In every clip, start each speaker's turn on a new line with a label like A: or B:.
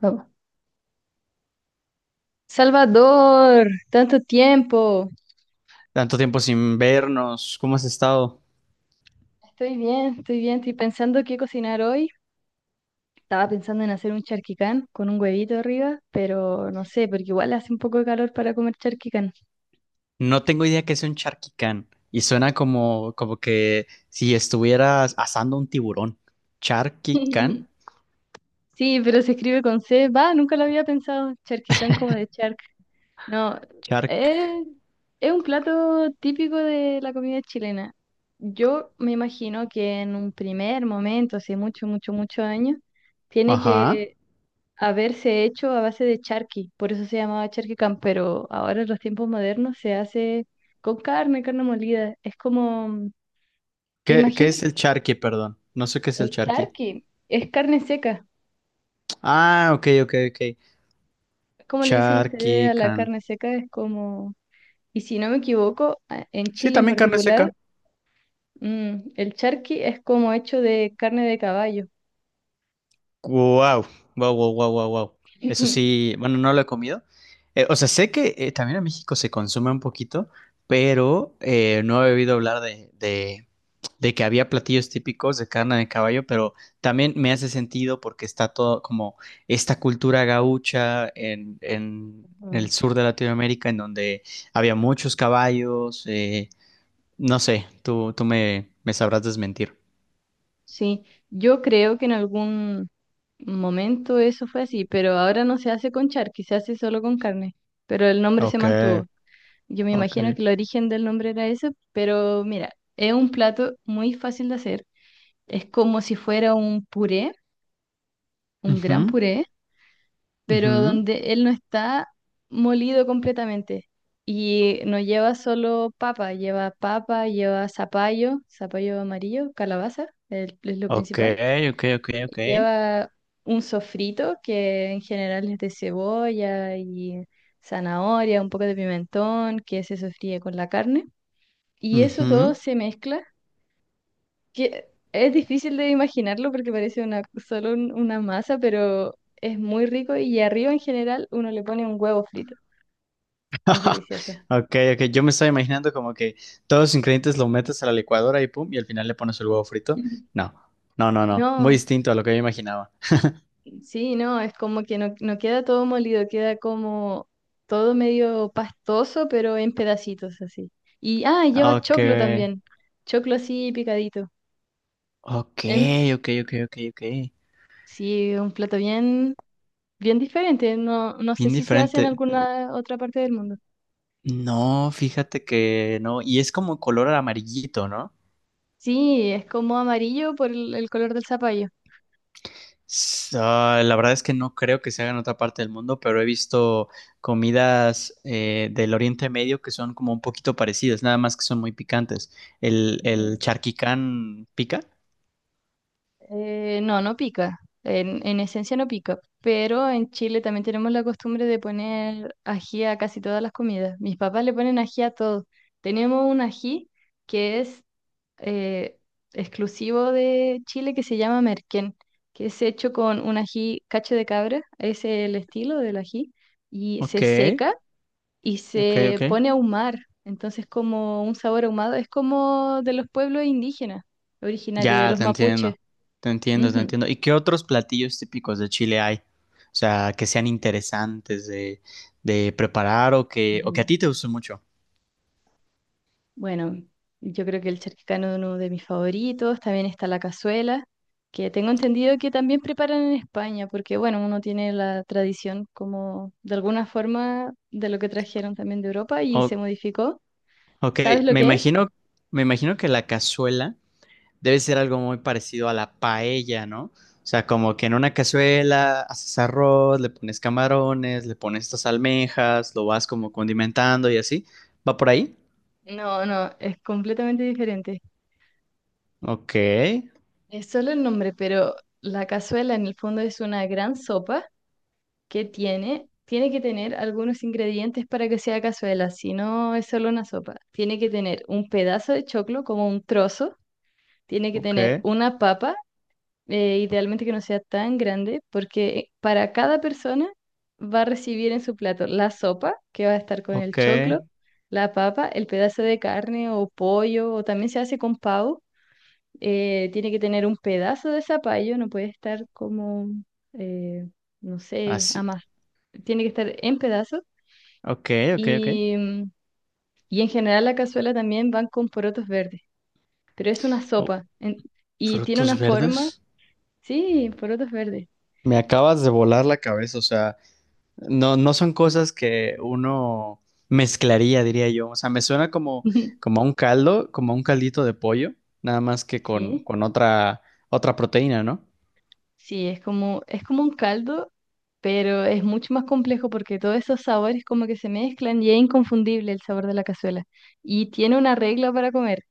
A: Vamos. Salvador, tanto tiempo.
B: Tanto tiempo sin vernos, ¿cómo has estado?
A: Estoy bien, estoy bien. Estoy pensando qué cocinar hoy. Estaba pensando en hacer un charquicán con un huevito arriba, pero no sé, porque igual hace un poco de calor para comer charquicán.
B: No tengo idea que sea un charquicán y suena como, como que si estuvieras asando un tiburón. ¿Charquicán?
A: Sí, pero se escribe con C. Va, nunca lo había pensado. Charquicán como de charc. No,
B: Chark.
A: eh, es un plato típico de la comida chilena. Yo me imagino que en un primer momento, hace mucho, mucho, muchos años, tiene
B: Ajá.
A: que haberse hecho a base de charqui, por eso se llamaba charquicán, pero ahora en los tiempos modernos se hace con carne, carne molida. Es como,
B: ¿¿Qué
A: imagínate,
B: es el charqui, perdón? No sé qué es
A: el
B: el charqui.
A: charqui es carne seca.
B: Ah, ok, ok, ok.
A: ¿Cómo le dicen ustedes a la
B: Charquicán.
A: carne seca? Es como, y si no me equivoco, en
B: Sí,
A: Chile en
B: también carne
A: particular,
B: seca.
A: mm, el charqui es como hecho de carne de caballo.
B: Wow, wow, wow, wow, wow, wow. Eso sí, bueno, no lo he comido. O sea, sé que también en México se consume un poquito, pero no he oído hablar de que había platillos típicos de carne de caballo, pero también me hace sentido porque está todo como esta cultura gaucha en el
A: Ujú.
B: sur de Latinoamérica, en donde había muchos caballos. Eh, no sé, tú me, me sabrás desmentir.
A: Sí, yo creo que en algún momento eso fue así, pero ahora no se hace con charqui, se hace solo con carne, pero el nombre se
B: Ok,
A: mantuvo. Yo me
B: ok.
A: imagino que el origen del nombre era ese, pero mira, es un plato muy fácil de hacer. Es como si fuera un puré, un gran
B: Ujú,
A: puré, pero
B: ujú.
A: donde él no está molido completamente. Y no lleva solo papa, lleva zapallo, zapallo amarillo, calabaza, es lo
B: Ok,
A: principal.
B: ok, ok, ok.
A: Lleva un sofrito que en general es de cebolla y zanahoria, un poco de pimentón que se sofríe con la carne. Y eso todo
B: Ujú.
A: se mezcla, que es difícil de imaginarlo porque parece una, solo una masa, pero es muy rico y arriba en general uno le pone un huevo frito. Es delicioso.
B: Ok, ok. Yo me estaba imaginando como que todos los ingredientes lo metes a la licuadora y pum, y al final le pones el huevo frito. No, no, no, no. Muy
A: No.
B: distinto a lo que yo imaginaba.
A: Sí, no, es como que no, no queda todo molido, queda como todo medio pastoso, pero en pedacitos así. Y, ah, y lleva
B: Ok,
A: choclo también, choclo así picadito.
B: ok,
A: Em,
B: ok, ok, ok, ok.
A: sí, un plato bien, bien diferente, no, no sé
B: Bien
A: si se hace en
B: diferente.
A: alguna otra parte del mundo.
B: No, fíjate que no. Y es como color amarillito, ¿no?
A: Sí, es como amarillo por el color del zapallo.
B: S- ah, la verdad es que no creo que se haga en otra parte del mundo, pero he visto comidas del Oriente Medio que son como un poquito parecidas, nada más que son muy picantes. ¿El charquicán pica?
A: No, no pica. En esencia no pica. Pero en Chile también tenemos la costumbre de poner ají a casi todas las comidas. Mis papás le ponen ají a todo. Tenemos un ají que es eh, exclusivo de Chile que se llama merquén, que es hecho con un ají cacho de cabra, es el estilo del ají, y se
B: Ok,
A: seca y
B: ok,
A: se
B: ok.
A: pone a ahumar. Entonces, como un sabor ahumado, es como de los pueblos indígenas, originario de
B: Ya,
A: los
B: te
A: mapuches.
B: entiendo. Te entiendo, te
A: Ujú.
B: entiendo. ¿Y qué otros platillos típicos de Chile hay? O sea, que sean interesantes de preparar o o que
A: Ujú.
B: a ti te guste mucho.
A: Bueno, yo creo que el charquicano es uno de mis favoritos. También está la cazuela, que tengo entendido que también preparan en España, porque bueno, uno tiene la tradición como de alguna forma de lo que trajeron también de Europa y se
B: O-
A: modificó.
B: ok,
A: ¿Sabes lo
B: me
A: que es?
B: imagino, me imagino que la cazuela debe ser algo muy parecido a la paella, ¿no? O sea, como que en una cazuela haces arroz, le pones camarones, le pones estas almejas, lo vas como condimentando y así. ¿Va por ahí?
A: No, no, es completamente diferente.
B: Ok,
A: Es solo el nombre, pero la cazuela en el fondo es una gran sopa que tiene, tiene que tener algunos ingredientes para que sea cazuela, si no es solo una sopa. Tiene que tener un pedazo de choclo, como un trozo, tiene que tener
B: ok,
A: una papa, idealmente que no sea tan grande, porque para cada persona va a recibir en su plato la sopa, que va a estar con el
B: ok,
A: choclo, la papa, el pedazo de carne o pollo, o también se hace con pavo, tiene que tener un pedazo de zapallo, no puede estar como, eh, no sé,
B: así.
A: amas. Tiene que estar en pedazos
B: Ok, ok, ok.
A: y, mm, y en general la cazuela también van con porotos verdes, pero es una
B: Oh,
A: sopa y tiene
B: frutos
A: una forma,
B: verdes.
A: sí, porotos verdes.
B: Me acabas de volar la cabeza, o sea, no, no son cosas que uno mezclaría, diría yo. O sea, me suena como, como a un caldo, como a un caldito de pollo, nada más que
A: Sí,
B: con otra, otra proteína, ¿no?
A: sí, es como un caldo, pero es mucho más complejo porque todos esos sabores como que se mezclan y es inconfundible el sabor de la cazuela. Y tiene una regla para comer.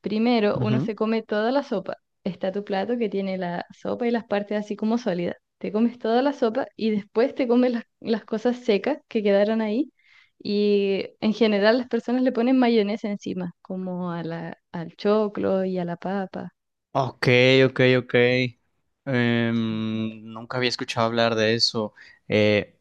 A: Primero, uno
B: Ujú.
A: se come toda la sopa. Está tu plato que tiene la sopa y las partes así como sólidas. Te comes toda la sopa y después te comes las cosas secas que quedaron ahí. Y en general las personas le ponen mayonesa encima, como a la, al choclo y a la papa.
B: Ok, ok, ok. Nunca había escuchado hablar de eso. Eh,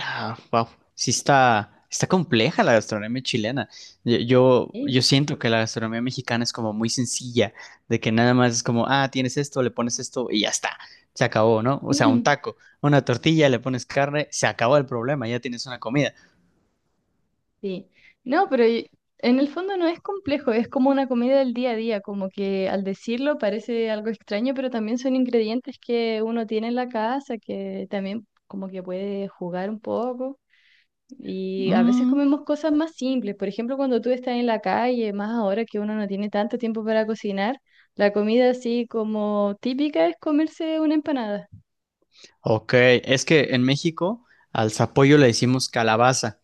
B: Wow, sí está, está compleja la gastronomía chilena. Yo
A: Sí.
B: siento que la gastronomía mexicana es como muy sencilla, de que nada más es como, ah, tienes esto, le pones esto y ya está, se acabó, ¿no? O sea, un taco, una tortilla, le pones carne, se acabó el problema, ya tienes una comida.
A: Sí, no, pero en el fondo no es complejo, es como una comida del día a día, como que al decirlo parece algo extraño, pero también son ingredientes que uno tiene en la casa, que también como que puede jugar un poco. Y a veces
B: Mm,
A: comemos cosas más simples, por ejemplo, cuando tú estás en la calle, más ahora que uno no tiene tanto tiempo para cocinar, la comida así como típica es comerse una empanada.
B: ok, es que en México al zapallo le decimos calabaza,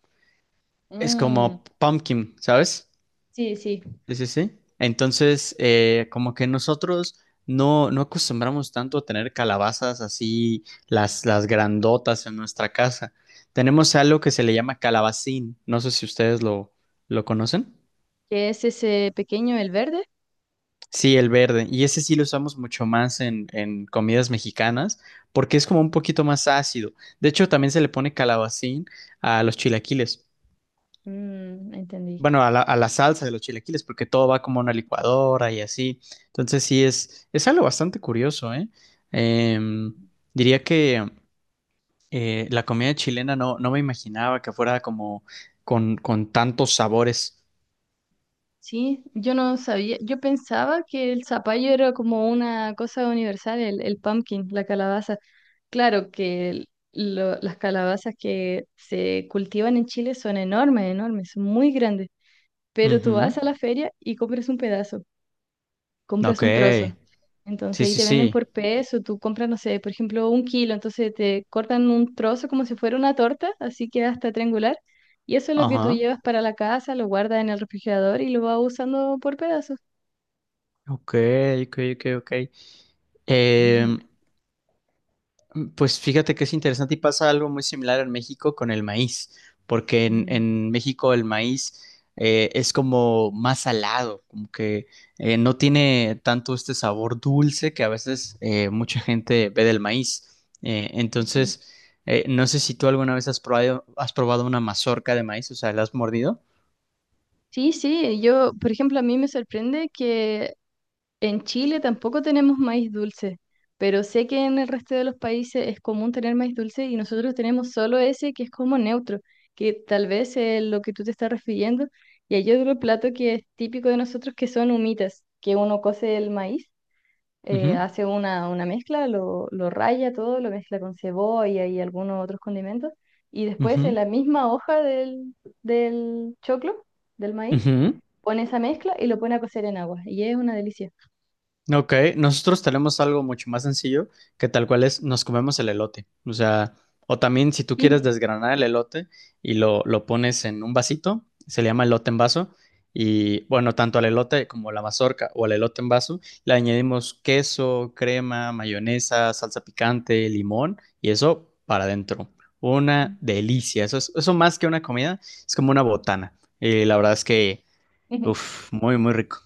B: es
A: Mm.
B: como pumpkin, ¿sabes?
A: Sí, sí,
B: Sí, sí, sí. Entonces, como que nosotros no, no acostumbramos tanto a tener calabazas así, las grandotas en nuestra casa. Tenemos algo que se le llama calabacín. No sé si ustedes lo conocen.
A: que es ese pequeño, el verde.
B: Sí, el verde. Y ese sí lo usamos mucho más en comidas mexicanas porque es como un poquito más ácido. De hecho, también se le pone calabacín a los chilaquiles.
A: Mm, entendí.
B: Bueno, a la salsa de los chilaquiles, porque todo va como a una licuadora y así. Entonces sí, es algo bastante curioso, ¿eh? Em, Diría que la comida chilena no, no me imaginaba que fuera como con tantos sabores.
A: Sí, yo no sabía, yo pensaba que el zapallo era como una cosa universal, el pumpkin, la calabaza. Claro que las calabazas que se cultivan en Chile son enormes, enormes, son muy grandes, pero tú vas
B: Ujú.
A: a la feria y compras un pedazo, compras
B: Ok,
A: un trozo. Entonces
B: sí,
A: ahí
B: sí,
A: te venden
B: sí.
A: por peso, tú compras, no sé, por ejemplo, un kilo, entonces te cortan un trozo como si fuera una torta, así que hasta triangular, y eso es lo que tú
B: Ajá.
A: llevas para la casa, lo guardas en el refrigerador y lo vas usando por pedazos.
B: Ok, ok, ok, ok. Em, Pues fíjate que es interesante y pasa algo muy similar en México con el maíz, porque en México el maíz es como más salado, como que no tiene tanto este sabor dulce que a veces mucha gente ve del maíz. Eh,
A: Ujú.
B: entonces, eh, no sé si tú alguna vez has probado una mazorca de maíz, o sea, ¿la has mordido?
A: Sí, sí, yo, por ejemplo, a mí me sorprende que en Chile tampoco tenemos maíz dulce, pero sé que en el resto de los países es común tener maíz dulce y nosotros tenemos solo ese que es como neutro, que tal vez es lo que tú te estás refiriendo. Y hay otro plato que es típico de nosotros que son humitas, que uno cose el maíz,
B: Ujú,
A: hace una mezcla, lo raya todo, lo mezcla con cebolla y algunos otros condimentos, y después
B: ujú,
A: en la misma hoja del, del choclo, del maíz,
B: ujú.
A: pone esa mezcla y lo pone a cocer en agua, y es una delicia.
B: Ok, nosotros tenemos algo mucho más sencillo que tal cual es nos comemos el elote. O sea, o también si tú quieres
A: Ujú.
B: desgranar el elote y lo pones en un vasito, se le llama elote en vaso. Y bueno, tanto al elote como la mazorca o al elote en vaso, le añadimos queso, crema, mayonesa, salsa picante, limón y eso para adentro. Una delicia. Eso es, eso más que una comida, es como una botana. Y la verdad es que,
A: Ujú.
B: uff, muy, muy rico.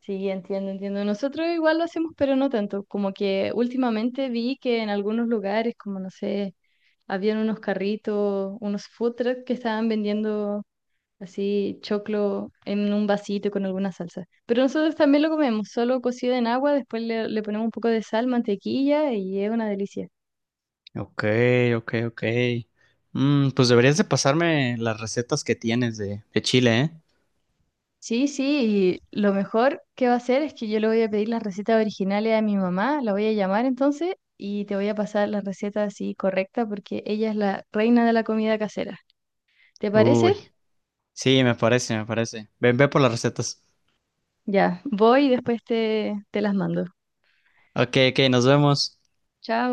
A: Sí, entiendo, entiendo. Nosotros igual lo hacemos, pero no tanto. Como que últimamente vi que en algunos lugares, como no sé, habían unos carritos, unos food trucks que estaban vendiendo así choclo en un vasito con alguna salsa. Pero nosotros también lo comemos, solo cocido en agua, después le, le ponemos un poco de sal, mantequilla y es una delicia.
B: Ok, ok, ok. Mm, pues deberías de pasarme las recetas que tienes de Chile, ¿eh?
A: Sí, sí, y lo mejor que va a hacer es que yo le voy a pedir las recetas originales a mi mamá, la voy a llamar entonces y te voy a pasar las recetas así correctas porque ella es la reina de la comida casera. ¿Te parece?
B: Uy, sí, me parece, me parece. Ven, ve por las recetas.
A: Ya, voy y después te, te las mando.
B: Ok, ok, nos vemos.
A: Chao.